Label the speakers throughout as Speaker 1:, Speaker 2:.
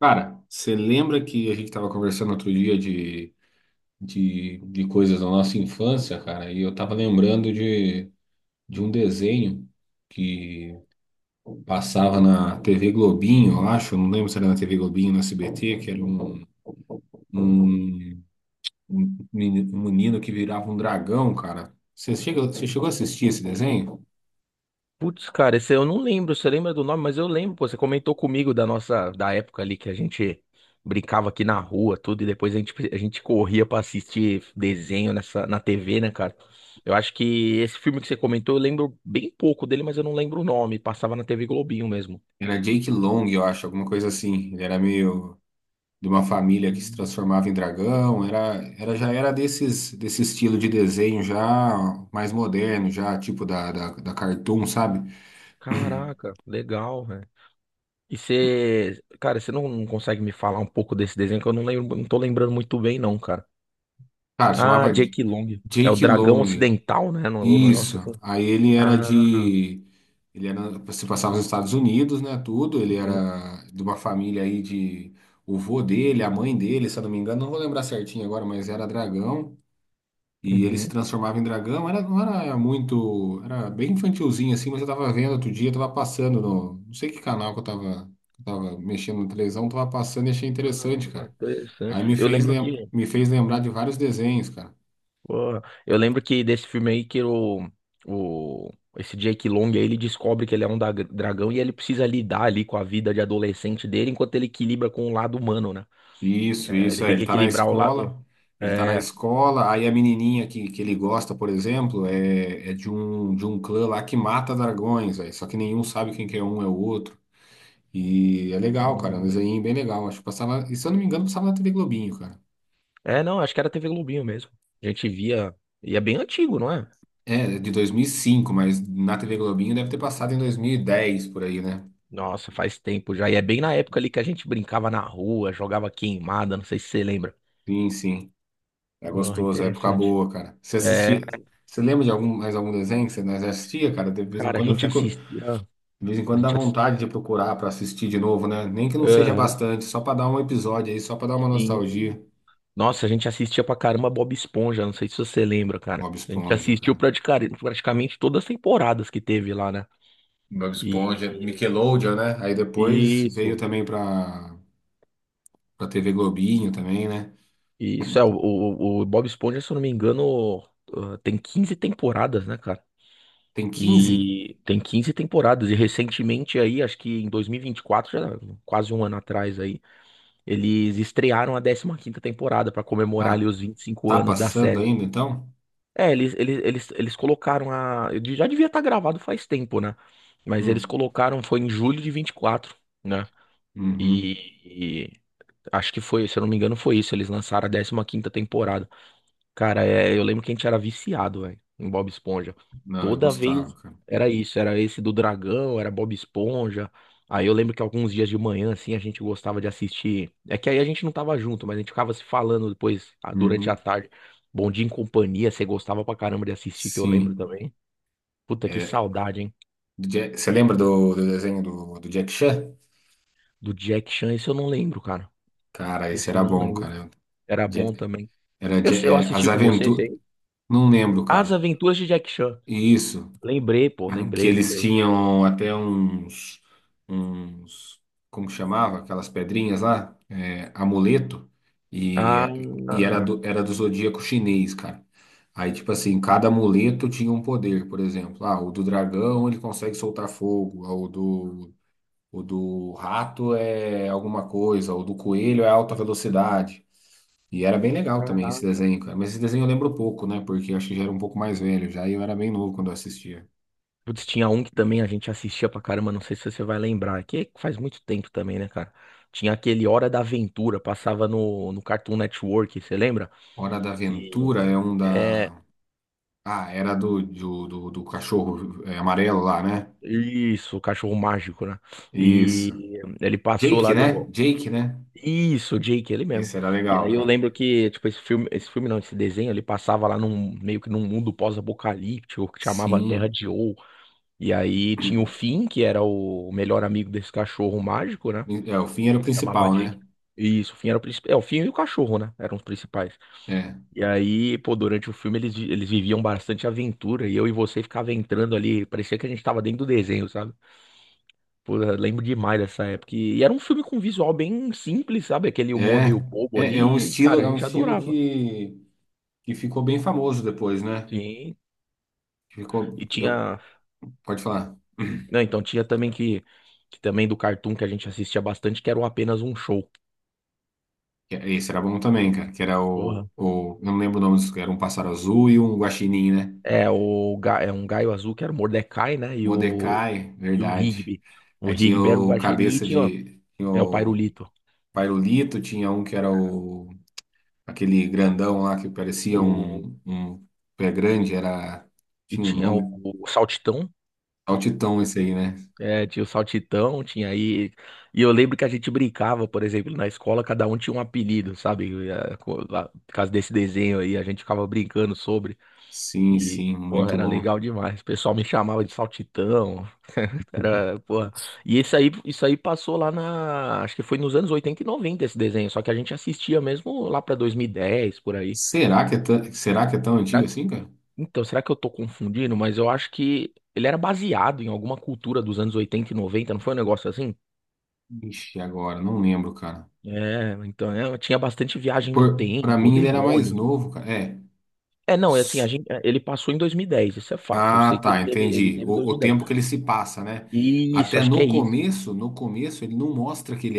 Speaker 1: Cara, você lembra que a gente estava conversando outro dia de coisas da nossa infância, cara? E eu tava lembrando de um desenho que passava na TV Globinho, eu acho, não lembro se era na TV Globinho ou na SBT, que era um, um um menino que virava um dragão, cara. Você chegou a assistir esse desenho?
Speaker 2: Putz, cara, esse eu não lembro. Você lembra do nome? Mas eu lembro, pô. Você comentou comigo da época ali que a gente brincava aqui na rua, tudo, e depois a gente corria pra assistir desenho na TV, né, cara? Eu acho que esse filme que você comentou, eu lembro bem pouco dele, mas eu não lembro o nome. Passava na TV Globinho mesmo.
Speaker 1: Era Jake Long, eu acho, alguma coisa assim. Ele era meio de uma família que se
Speaker 2: Hum.
Speaker 1: transformava em dragão, era já era desse estilo de desenho já mais moderno, já tipo da Cartoon, sabe?
Speaker 2: Caraca, legal, velho. E você, cara, você não consegue me falar um pouco desse desenho que eu não lembro, não tô lembrando muito bem, não, cara.
Speaker 1: Cara,
Speaker 2: Ah,
Speaker 1: chamava
Speaker 2: Jake Long. É o
Speaker 1: Jake
Speaker 2: Dragão
Speaker 1: Long.
Speaker 2: Ocidental, né? No
Speaker 1: Isso.
Speaker 2: negócio assim.
Speaker 1: Aí
Speaker 2: Ah,
Speaker 1: ele era, se passava nos Estados Unidos, né, tudo, ele
Speaker 2: uhum,
Speaker 1: era de uma família aí de o vô dele, a mãe dele, se eu não me engano, não vou lembrar certinho agora, mas era dragão. E ele se
Speaker 2: uhum.
Speaker 1: transformava em dragão. Era, não era muito. Era bem infantilzinho assim, mas eu tava vendo outro dia, eu tava passando no. Não sei que canal que eu tava mexendo na televisão, tava passando e achei interessante, cara. Aí
Speaker 2: Interessante. Eu lembro que,
Speaker 1: me fez lembrar de vários desenhos, cara.
Speaker 2: pô, eu lembro que desse filme aí que o esse Jake Long aí, ele descobre que ele é um dragão e ele precisa lidar ali com a vida de adolescente dele enquanto ele equilibra com o lado humano, né?
Speaker 1: Isso,
Speaker 2: É, ele
Speaker 1: isso, é.
Speaker 2: tem
Speaker 1: Ele
Speaker 2: que
Speaker 1: tá na
Speaker 2: equilibrar o lado.
Speaker 1: escola. Ele tá na
Speaker 2: É,
Speaker 1: escola, aí a menininha que ele gosta, por exemplo, é de um clã lá que mata dragões, aí, só que nenhum sabe quem que é um é o outro. E é legal, cara, é um
Speaker 2: hum.
Speaker 1: desenho bem legal. Acho que passava, e se eu não me engano, passava na TV Globinho, cara.
Speaker 2: é, não, acho que era TV Globinho mesmo. A gente via, e é bem antigo, não é?
Speaker 1: É, é de 2005, mas na TV Globinho deve ter passado em 2010, por aí, né?
Speaker 2: Nossa, faz tempo já. E é bem na época ali que a gente brincava na rua, jogava queimada, não sei se você lembra.
Speaker 1: Sim. É
Speaker 2: Oh,
Speaker 1: gostoso, é época
Speaker 2: interessante.
Speaker 1: boa, cara. Você assistia, você lembra de algum, mais algum desenho que você mais assistia, cara? De vez em
Speaker 2: Cara, a
Speaker 1: quando eu
Speaker 2: gente
Speaker 1: fico,
Speaker 2: assistia.
Speaker 1: de vez em
Speaker 2: A
Speaker 1: quando dá
Speaker 2: gente ass-
Speaker 1: vontade de procurar pra assistir de novo, né? Nem que não seja
Speaker 2: Aham,
Speaker 1: bastante, só pra dar um episódio aí, só pra dar uma
Speaker 2: sim.
Speaker 1: nostalgia.
Speaker 2: Nossa, a gente assistia pra caramba Bob Esponja. Não sei se você lembra, cara.
Speaker 1: Bob
Speaker 2: A gente
Speaker 1: Esponja,
Speaker 2: assistiu
Speaker 1: cara.
Speaker 2: praticamente todas as temporadas que teve lá, né?
Speaker 1: Bob Esponja,
Speaker 2: E
Speaker 1: Nickelodeon, né? Aí depois veio
Speaker 2: isso.
Speaker 1: também pra TV Globinho também, né?
Speaker 2: E isso é, o Bob Esponja, se eu não me engano, ah, tem 15 temporadas, né, cara?
Speaker 1: Tem quinze.
Speaker 2: E tem 15 temporadas. E recentemente aí, acho que em 2024, já quase um ano atrás aí, eles estrearam a décima quinta temporada pra comemorar
Speaker 1: Ah,
Speaker 2: ali os 25
Speaker 1: tá
Speaker 2: anos da
Speaker 1: passando
Speaker 2: série.
Speaker 1: ainda então?
Speaker 2: É, eles colocaram a. Já devia estar gravado faz tempo, né? Mas eles
Speaker 1: Hum,
Speaker 2: colocaram, foi em julho de 24, né? E,
Speaker 1: uhum.
Speaker 2: e acho que foi, se eu não me engano, foi isso. Eles lançaram a décima quinta temporada. Cara, é, eu lembro que a gente era viciado, velho, em Bob Esponja.
Speaker 1: Não, eu
Speaker 2: Toda
Speaker 1: gostava,
Speaker 2: vez
Speaker 1: cara.
Speaker 2: era isso, era esse do dragão, era Bob Esponja. Aí eu lembro que alguns dias de manhã, assim, a gente gostava de assistir. É que aí a gente não tava junto, mas a gente ficava se falando depois, ah, durante a
Speaker 1: Uhum.
Speaker 2: tarde. Bom Dia em Companhia, você gostava pra caramba de assistir, que eu lembro
Speaker 1: Sim.
Speaker 2: também. Puta, que
Speaker 1: É,
Speaker 2: saudade, hein?
Speaker 1: do Ja- você lembra do desenho do Jack Chan?
Speaker 2: Do Jack Chan, esse eu não lembro, cara.
Speaker 1: Cara, esse
Speaker 2: Esse eu
Speaker 1: era
Speaker 2: não
Speaker 1: bom,
Speaker 2: lembro.
Speaker 1: cara.
Speaker 2: Era
Speaker 1: Ja-
Speaker 2: bom também. Eu, sei, eu
Speaker 1: É,
Speaker 2: assisti
Speaker 1: As
Speaker 2: com você, esse
Speaker 1: Aventuras.
Speaker 2: aí.
Speaker 1: Não lembro,
Speaker 2: As
Speaker 1: cara.
Speaker 2: Aventuras de Jack Chan.
Speaker 1: Isso.
Speaker 2: Lembrei, pô,
Speaker 1: Que
Speaker 2: lembrei,
Speaker 1: eles
Speaker 2: lembrei.
Speaker 1: tinham até uns como que chamava? Aquelas pedrinhas lá, é, amuleto, e,
Speaker 2: Ah,
Speaker 1: e era do zodíaco chinês, cara. Aí, tipo assim, cada amuleto tinha um poder, por exemplo. Ah, o do dragão, ele consegue soltar fogo, ah, o do rato é alguma coisa, o do coelho é alta velocidade. E era bem legal também esse
Speaker 2: caraca.
Speaker 1: desenho, cara. Mas esse desenho eu lembro pouco, né? Porque eu acho que já era um pouco mais velho, já e eu era bem novo quando eu assistia.
Speaker 2: Putz, tinha um que também a gente assistia pra caramba, não sei se você vai lembrar, que faz muito tempo também, né, cara? Tinha aquele Hora da Aventura, passava no Cartoon Network, você lembra?
Speaker 1: Hora da
Speaker 2: Que
Speaker 1: Aventura é um
Speaker 2: é
Speaker 1: da. Ah, era do cachorro é, amarelo lá, né?
Speaker 2: isso, o cachorro mágico, né?
Speaker 1: Isso.
Speaker 2: E ele passou
Speaker 1: Jake,
Speaker 2: lá
Speaker 1: né?
Speaker 2: do
Speaker 1: Jake, né?
Speaker 2: isso, o Jake, ele mesmo.
Speaker 1: Esse era
Speaker 2: E
Speaker 1: legal,
Speaker 2: aí eu
Speaker 1: cara.
Speaker 2: lembro que, tipo, esse filme não, esse desenho, ele passava lá num meio que num mundo pós-apocalíptico que chamava Terra
Speaker 1: Sim.
Speaker 2: de Ou. E aí tinha o Finn, que era o melhor amigo desse cachorro mágico, né?
Speaker 1: É, o fim era o
Speaker 2: Chamava
Speaker 1: principal,
Speaker 2: Jake.
Speaker 1: né?
Speaker 2: Isso, o Finn era o principal. É, o Finn e o cachorro, né? Eram os principais.
Speaker 1: É.
Speaker 2: E aí, pô, durante o filme eles, eles viviam bastante aventura e eu e você ficava entrando ali. Parecia que a gente tava dentro do desenho, sabe? Pô, eu lembro demais dessa época. E era um filme com visual bem simples, sabe? Aquele humor
Speaker 1: É,
Speaker 2: meio bobo
Speaker 1: é um
Speaker 2: ali. E,
Speaker 1: estilo,
Speaker 2: cara, a
Speaker 1: é um
Speaker 2: gente
Speaker 1: estilo
Speaker 2: adorava.
Speaker 1: que ficou bem famoso depois, né?
Speaker 2: Sim.
Speaker 1: Ficou.
Speaker 2: E
Speaker 1: Eu,
Speaker 2: tinha.
Speaker 1: pode falar.
Speaker 2: Não, então tinha também que. Que também do cartoon que a gente assistia bastante, que era o Apenas um Show.
Speaker 1: Que- é, esse era bom também, cara. Que era o,
Speaker 2: Porra,
Speaker 1: o. Eu não lembro o nome disso, que era um pássaro azul e um guaxinim, né?
Speaker 2: é, é um Gaio Azul que era o Mordecai, né?
Speaker 1: Mordecai,
Speaker 2: E o
Speaker 1: verdade.
Speaker 2: Rigby. O
Speaker 1: Aí tinha
Speaker 2: Rigby era o
Speaker 1: o
Speaker 2: guaxinim e
Speaker 1: cabeça
Speaker 2: tinha
Speaker 1: de. Tinha
Speaker 2: é, o
Speaker 1: o
Speaker 2: Pairulito.
Speaker 1: Pairulito, tinha um que era o. Aquele grandão lá que parecia
Speaker 2: O,
Speaker 1: um pé grande, era.
Speaker 2: e
Speaker 1: Tinha um
Speaker 2: tinha
Speaker 1: nome.
Speaker 2: o Saltitão.
Speaker 1: Altitão esse aí, né?
Speaker 2: É, tinha o Saltitão, tinha aí. E eu lembro que a gente brincava, por exemplo, na escola, cada um tinha um apelido, sabe? É, por causa desse desenho aí, a gente ficava brincando sobre.
Speaker 1: Sim,
Speaker 2: E,
Speaker 1: sim,
Speaker 2: porra,
Speaker 1: muito
Speaker 2: era
Speaker 1: bom.
Speaker 2: legal demais. O pessoal me chamava de Saltitão. Cara, porra. E esse aí, isso aí passou lá na. Acho que foi nos anos 80 e 90 esse desenho. Só que a gente assistia mesmo lá pra 2010 por aí.
Speaker 1: Será que é tão, será que é tão antigo
Speaker 2: Será que...
Speaker 1: assim, cara?
Speaker 2: Então, será que eu tô confundindo? Mas eu acho que ele era baseado em alguma cultura dos anos 80 e 90. Não foi um negócio assim?
Speaker 1: Ixi, agora, não lembro, cara.
Speaker 2: É, então é, tinha bastante viagem no
Speaker 1: Pra
Speaker 2: tempo,
Speaker 1: mim ele era mais
Speaker 2: demônios.
Speaker 1: novo, cara. É.
Speaker 2: É, não, é assim, ele passou em 2010. Isso é fato. Eu
Speaker 1: Ah,
Speaker 2: sei que
Speaker 1: tá,
Speaker 2: ele teve, ele
Speaker 1: entendi.
Speaker 2: teve
Speaker 1: O
Speaker 2: 2010.
Speaker 1: tempo que ele se passa, né?
Speaker 2: Isso,
Speaker 1: Até
Speaker 2: acho que é
Speaker 1: no
Speaker 2: isso.
Speaker 1: começo, no começo ele não mostra que ele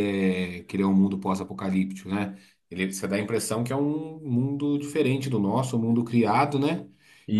Speaker 1: é que ele é um mundo pós-apocalíptico, né? Ele você dá a impressão que é um mundo diferente do nosso, um mundo criado, né?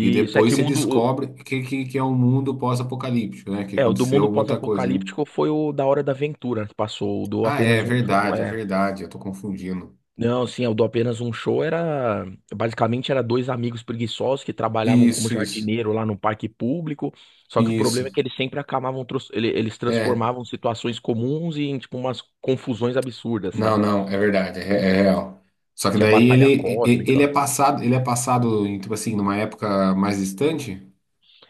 Speaker 1: E
Speaker 2: é
Speaker 1: depois
Speaker 2: que o
Speaker 1: você
Speaker 2: mundo,
Speaker 1: descobre que é um mundo pós-apocalíptico, né? Que
Speaker 2: é, o do mundo
Speaker 1: aconteceu muita coisa, né?
Speaker 2: pós-apocalíptico foi o da Hora da Aventura que passou, o do
Speaker 1: Ah, é
Speaker 2: apenas um show,
Speaker 1: verdade, é
Speaker 2: é.
Speaker 1: verdade. Eu tô confundindo.
Speaker 2: Não, sim, é, o do apenas um show era basicamente era dois amigos preguiçosos que trabalhavam como
Speaker 1: Isso, isso,
Speaker 2: jardineiro lá no parque público. Só que o
Speaker 1: isso.
Speaker 2: problema é que eles sempre acabavam eles
Speaker 1: É.
Speaker 2: transformavam situações comuns em tipo umas confusões absurdas,
Speaker 1: Não,
Speaker 2: sabe?
Speaker 1: não, é verdade, é real. Só que
Speaker 2: Tinha
Speaker 1: daí
Speaker 2: batalha cósmica.
Speaker 1: ele é passado em, tipo assim, numa época mais distante.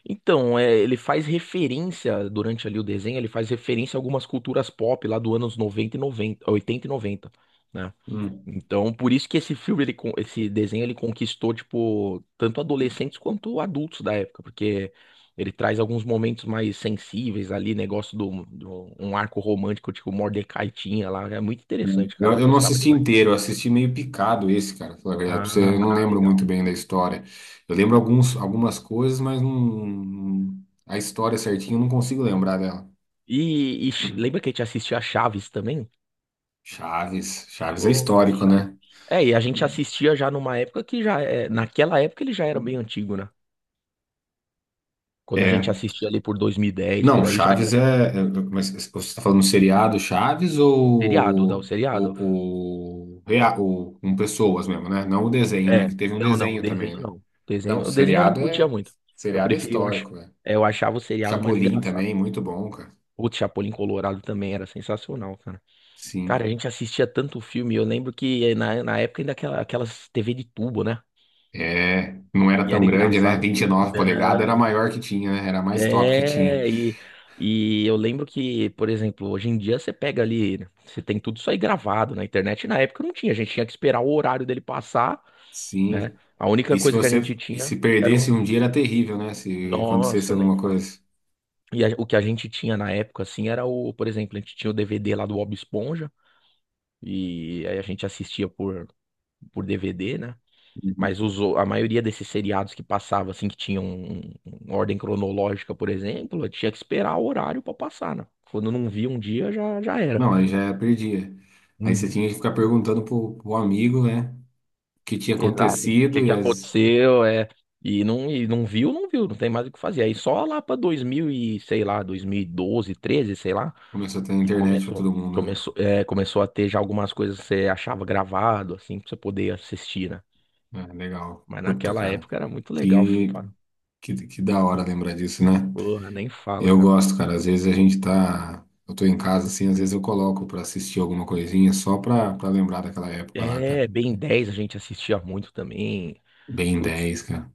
Speaker 2: Então, é, ele faz referência durante ali o desenho, ele faz referência a algumas culturas pop lá do anos 90 e 90 80 e noventa, né?
Speaker 1: Hum.
Speaker 2: Então, por isso que esse filme, ele, esse desenho, ele conquistou, tipo, tanto adolescentes quanto adultos da época, porque ele traz alguns momentos mais sensíveis ali, um arco romântico, tipo, Mordecai tinha lá, é muito interessante, cara,
Speaker 1: Eu,
Speaker 2: eu
Speaker 1: eu não
Speaker 2: gostava
Speaker 1: assisti
Speaker 2: demais.
Speaker 1: inteiro, eu assisti meio picado esse, cara, pra falar a verdade. Pra você, eu não
Speaker 2: Ah,
Speaker 1: lembro muito
Speaker 2: legal.
Speaker 1: bem da história. Eu lembro alguns, algumas coisas, mas não, a história certinha eu não consigo lembrar dela.
Speaker 2: E, lembra que a gente assistia a Chaves também?
Speaker 1: Chaves, Chaves é
Speaker 2: Porra,
Speaker 1: histórico,
Speaker 2: chato.
Speaker 1: né?
Speaker 2: É, e a gente assistia já numa época que já, é, naquela época ele já era bem antigo, né? Quando a gente
Speaker 1: É.
Speaker 2: assistia ali por 2010,
Speaker 1: Não,
Speaker 2: por aí já era
Speaker 1: Chaves
Speaker 2: bem antigo.
Speaker 1: é. É. Mas você está falando um seriado Chaves
Speaker 2: Seriado, dá o
Speaker 1: ou
Speaker 2: seriado.
Speaker 1: o com pessoas mesmo, né? Não o desenho, né?
Speaker 2: É,
Speaker 1: Que teve um
Speaker 2: não, não,
Speaker 1: desenho também,
Speaker 2: desenho
Speaker 1: né?
Speaker 2: não.
Speaker 1: Não,
Speaker 2: Desenho, o desenho eu não
Speaker 1: seriado
Speaker 2: curtia
Speaker 1: é.
Speaker 2: muito. Eu
Speaker 1: Seriado é
Speaker 2: preferia, eu acho,
Speaker 1: histórico, né?
Speaker 2: é, eu achava o seriado mais
Speaker 1: Chapolin
Speaker 2: engraçado.
Speaker 1: também, muito bom, cara.
Speaker 2: Putz, Chapolin Colorado também era sensacional, cara. Cara,
Speaker 1: Sim.
Speaker 2: a gente assistia tanto filme, eu lembro que na época ainda aquela, aquelas TV de tubo, né?
Speaker 1: É. Não era
Speaker 2: E
Speaker 1: tão
Speaker 2: era
Speaker 1: grande, né?
Speaker 2: engraçado.
Speaker 1: 29 polegadas era a
Speaker 2: Não,
Speaker 1: maior que tinha, né? Era a mais top que tinha.
Speaker 2: é, e eu lembro que, por exemplo, hoje em dia você pega ali, né, você tem tudo isso aí gravado na internet. Na época não tinha, a gente tinha que esperar o horário dele passar, né?
Speaker 1: Sim.
Speaker 2: A única
Speaker 1: E se
Speaker 2: coisa que a
Speaker 1: você.
Speaker 2: gente
Speaker 1: E se
Speaker 2: tinha era
Speaker 1: perdesse
Speaker 2: o...
Speaker 1: um dia era terrível, né? Se acontecesse
Speaker 2: Nossa, nem
Speaker 1: alguma
Speaker 2: fala.
Speaker 1: coisa.
Speaker 2: O que a gente tinha na época, assim, era o, por exemplo, a gente tinha o DVD lá do Bob Esponja, e aí a gente assistia por DVD, né? Mas a maioria desses seriados que passava, assim, que tinham uma ordem cronológica, por exemplo, eu tinha que esperar o horário pra passar, né? Quando não via um dia, já era.
Speaker 1: Não, aí já perdia. Aí você
Speaker 2: Uhum,
Speaker 1: tinha que ficar perguntando pro amigo, né? O que tinha
Speaker 2: exato. O que
Speaker 1: acontecido e
Speaker 2: que
Speaker 1: as.
Speaker 2: aconteceu, é... e não viu, não viu, não tem mais o que fazer. Aí só lá pra 2000 e, sei lá, 2012, 13, sei lá,
Speaker 1: Começou a ter
Speaker 2: e
Speaker 1: internet pra
Speaker 2: começou,
Speaker 1: todo mundo, né?
Speaker 2: começou a ter já algumas coisas que você achava gravado, assim, pra você poder assistir, né?
Speaker 1: É, legal.
Speaker 2: Mas
Speaker 1: Puta,
Speaker 2: naquela
Speaker 1: cara.
Speaker 2: época era muito legal,
Speaker 1: Que,
Speaker 2: cara.
Speaker 1: que da hora lembrar disso, né?
Speaker 2: Porra, nem fala,
Speaker 1: Eu
Speaker 2: cara.
Speaker 1: gosto, cara. Às vezes a gente tá. Eu tô em casa, assim, às vezes eu coloco pra assistir alguma coisinha só pra lembrar daquela época lá, cara.
Speaker 2: É, Ben 10 a gente assistia muito também.
Speaker 1: Bem
Speaker 2: Putz,
Speaker 1: 10, cara.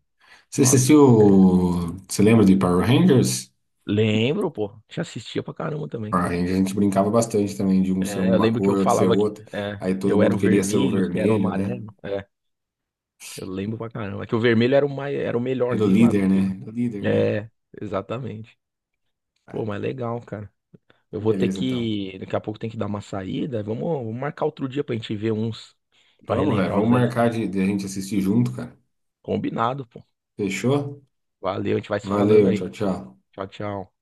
Speaker 1: Você
Speaker 2: nossa.
Speaker 1: assistiu. Você lembra de Power Rangers?
Speaker 2: Lembro, pô. A gente assistia pra caramba também.
Speaker 1: A gente brincava bastante também de um ser
Speaker 2: É, eu
Speaker 1: uma
Speaker 2: lembro que
Speaker 1: cor,
Speaker 2: eu
Speaker 1: outro ser
Speaker 2: falava que
Speaker 1: outra.
Speaker 2: é,
Speaker 1: Aí todo
Speaker 2: eu era
Speaker 1: mundo
Speaker 2: o
Speaker 1: queria ser o
Speaker 2: vermelho, você era o
Speaker 1: vermelho, né?
Speaker 2: amarelo. É, eu lembro pra caramba. É que o vermelho era era o
Speaker 1: Era o
Speaker 2: melhorzinho lá do
Speaker 1: líder,
Speaker 2: filme.
Speaker 1: né? Era o líder, né?
Speaker 2: É, exatamente.
Speaker 1: Ah,
Speaker 2: Pô, mas
Speaker 1: então
Speaker 2: legal, cara. Eu
Speaker 1: então
Speaker 2: vou ter
Speaker 1: beleza, então.
Speaker 2: que. Daqui a pouco tem que dar uma saída. Vamos marcar outro dia pra gente ver uns. Pra
Speaker 1: Vamos, velho.
Speaker 2: relembrar
Speaker 1: Vamos
Speaker 2: os velhos
Speaker 1: marcar
Speaker 2: tempos.
Speaker 1: de a gente assistir junto, cara.
Speaker 2: Combinado, pô.
Speaker 1: Fechou?
Speaker 2: Valeu, a gente vai se falando
Speaker 1: Valeu,
Speaker 2: aí.
Speaker 1: tchau, tchau.
Speaker 2: Tchau, tchau.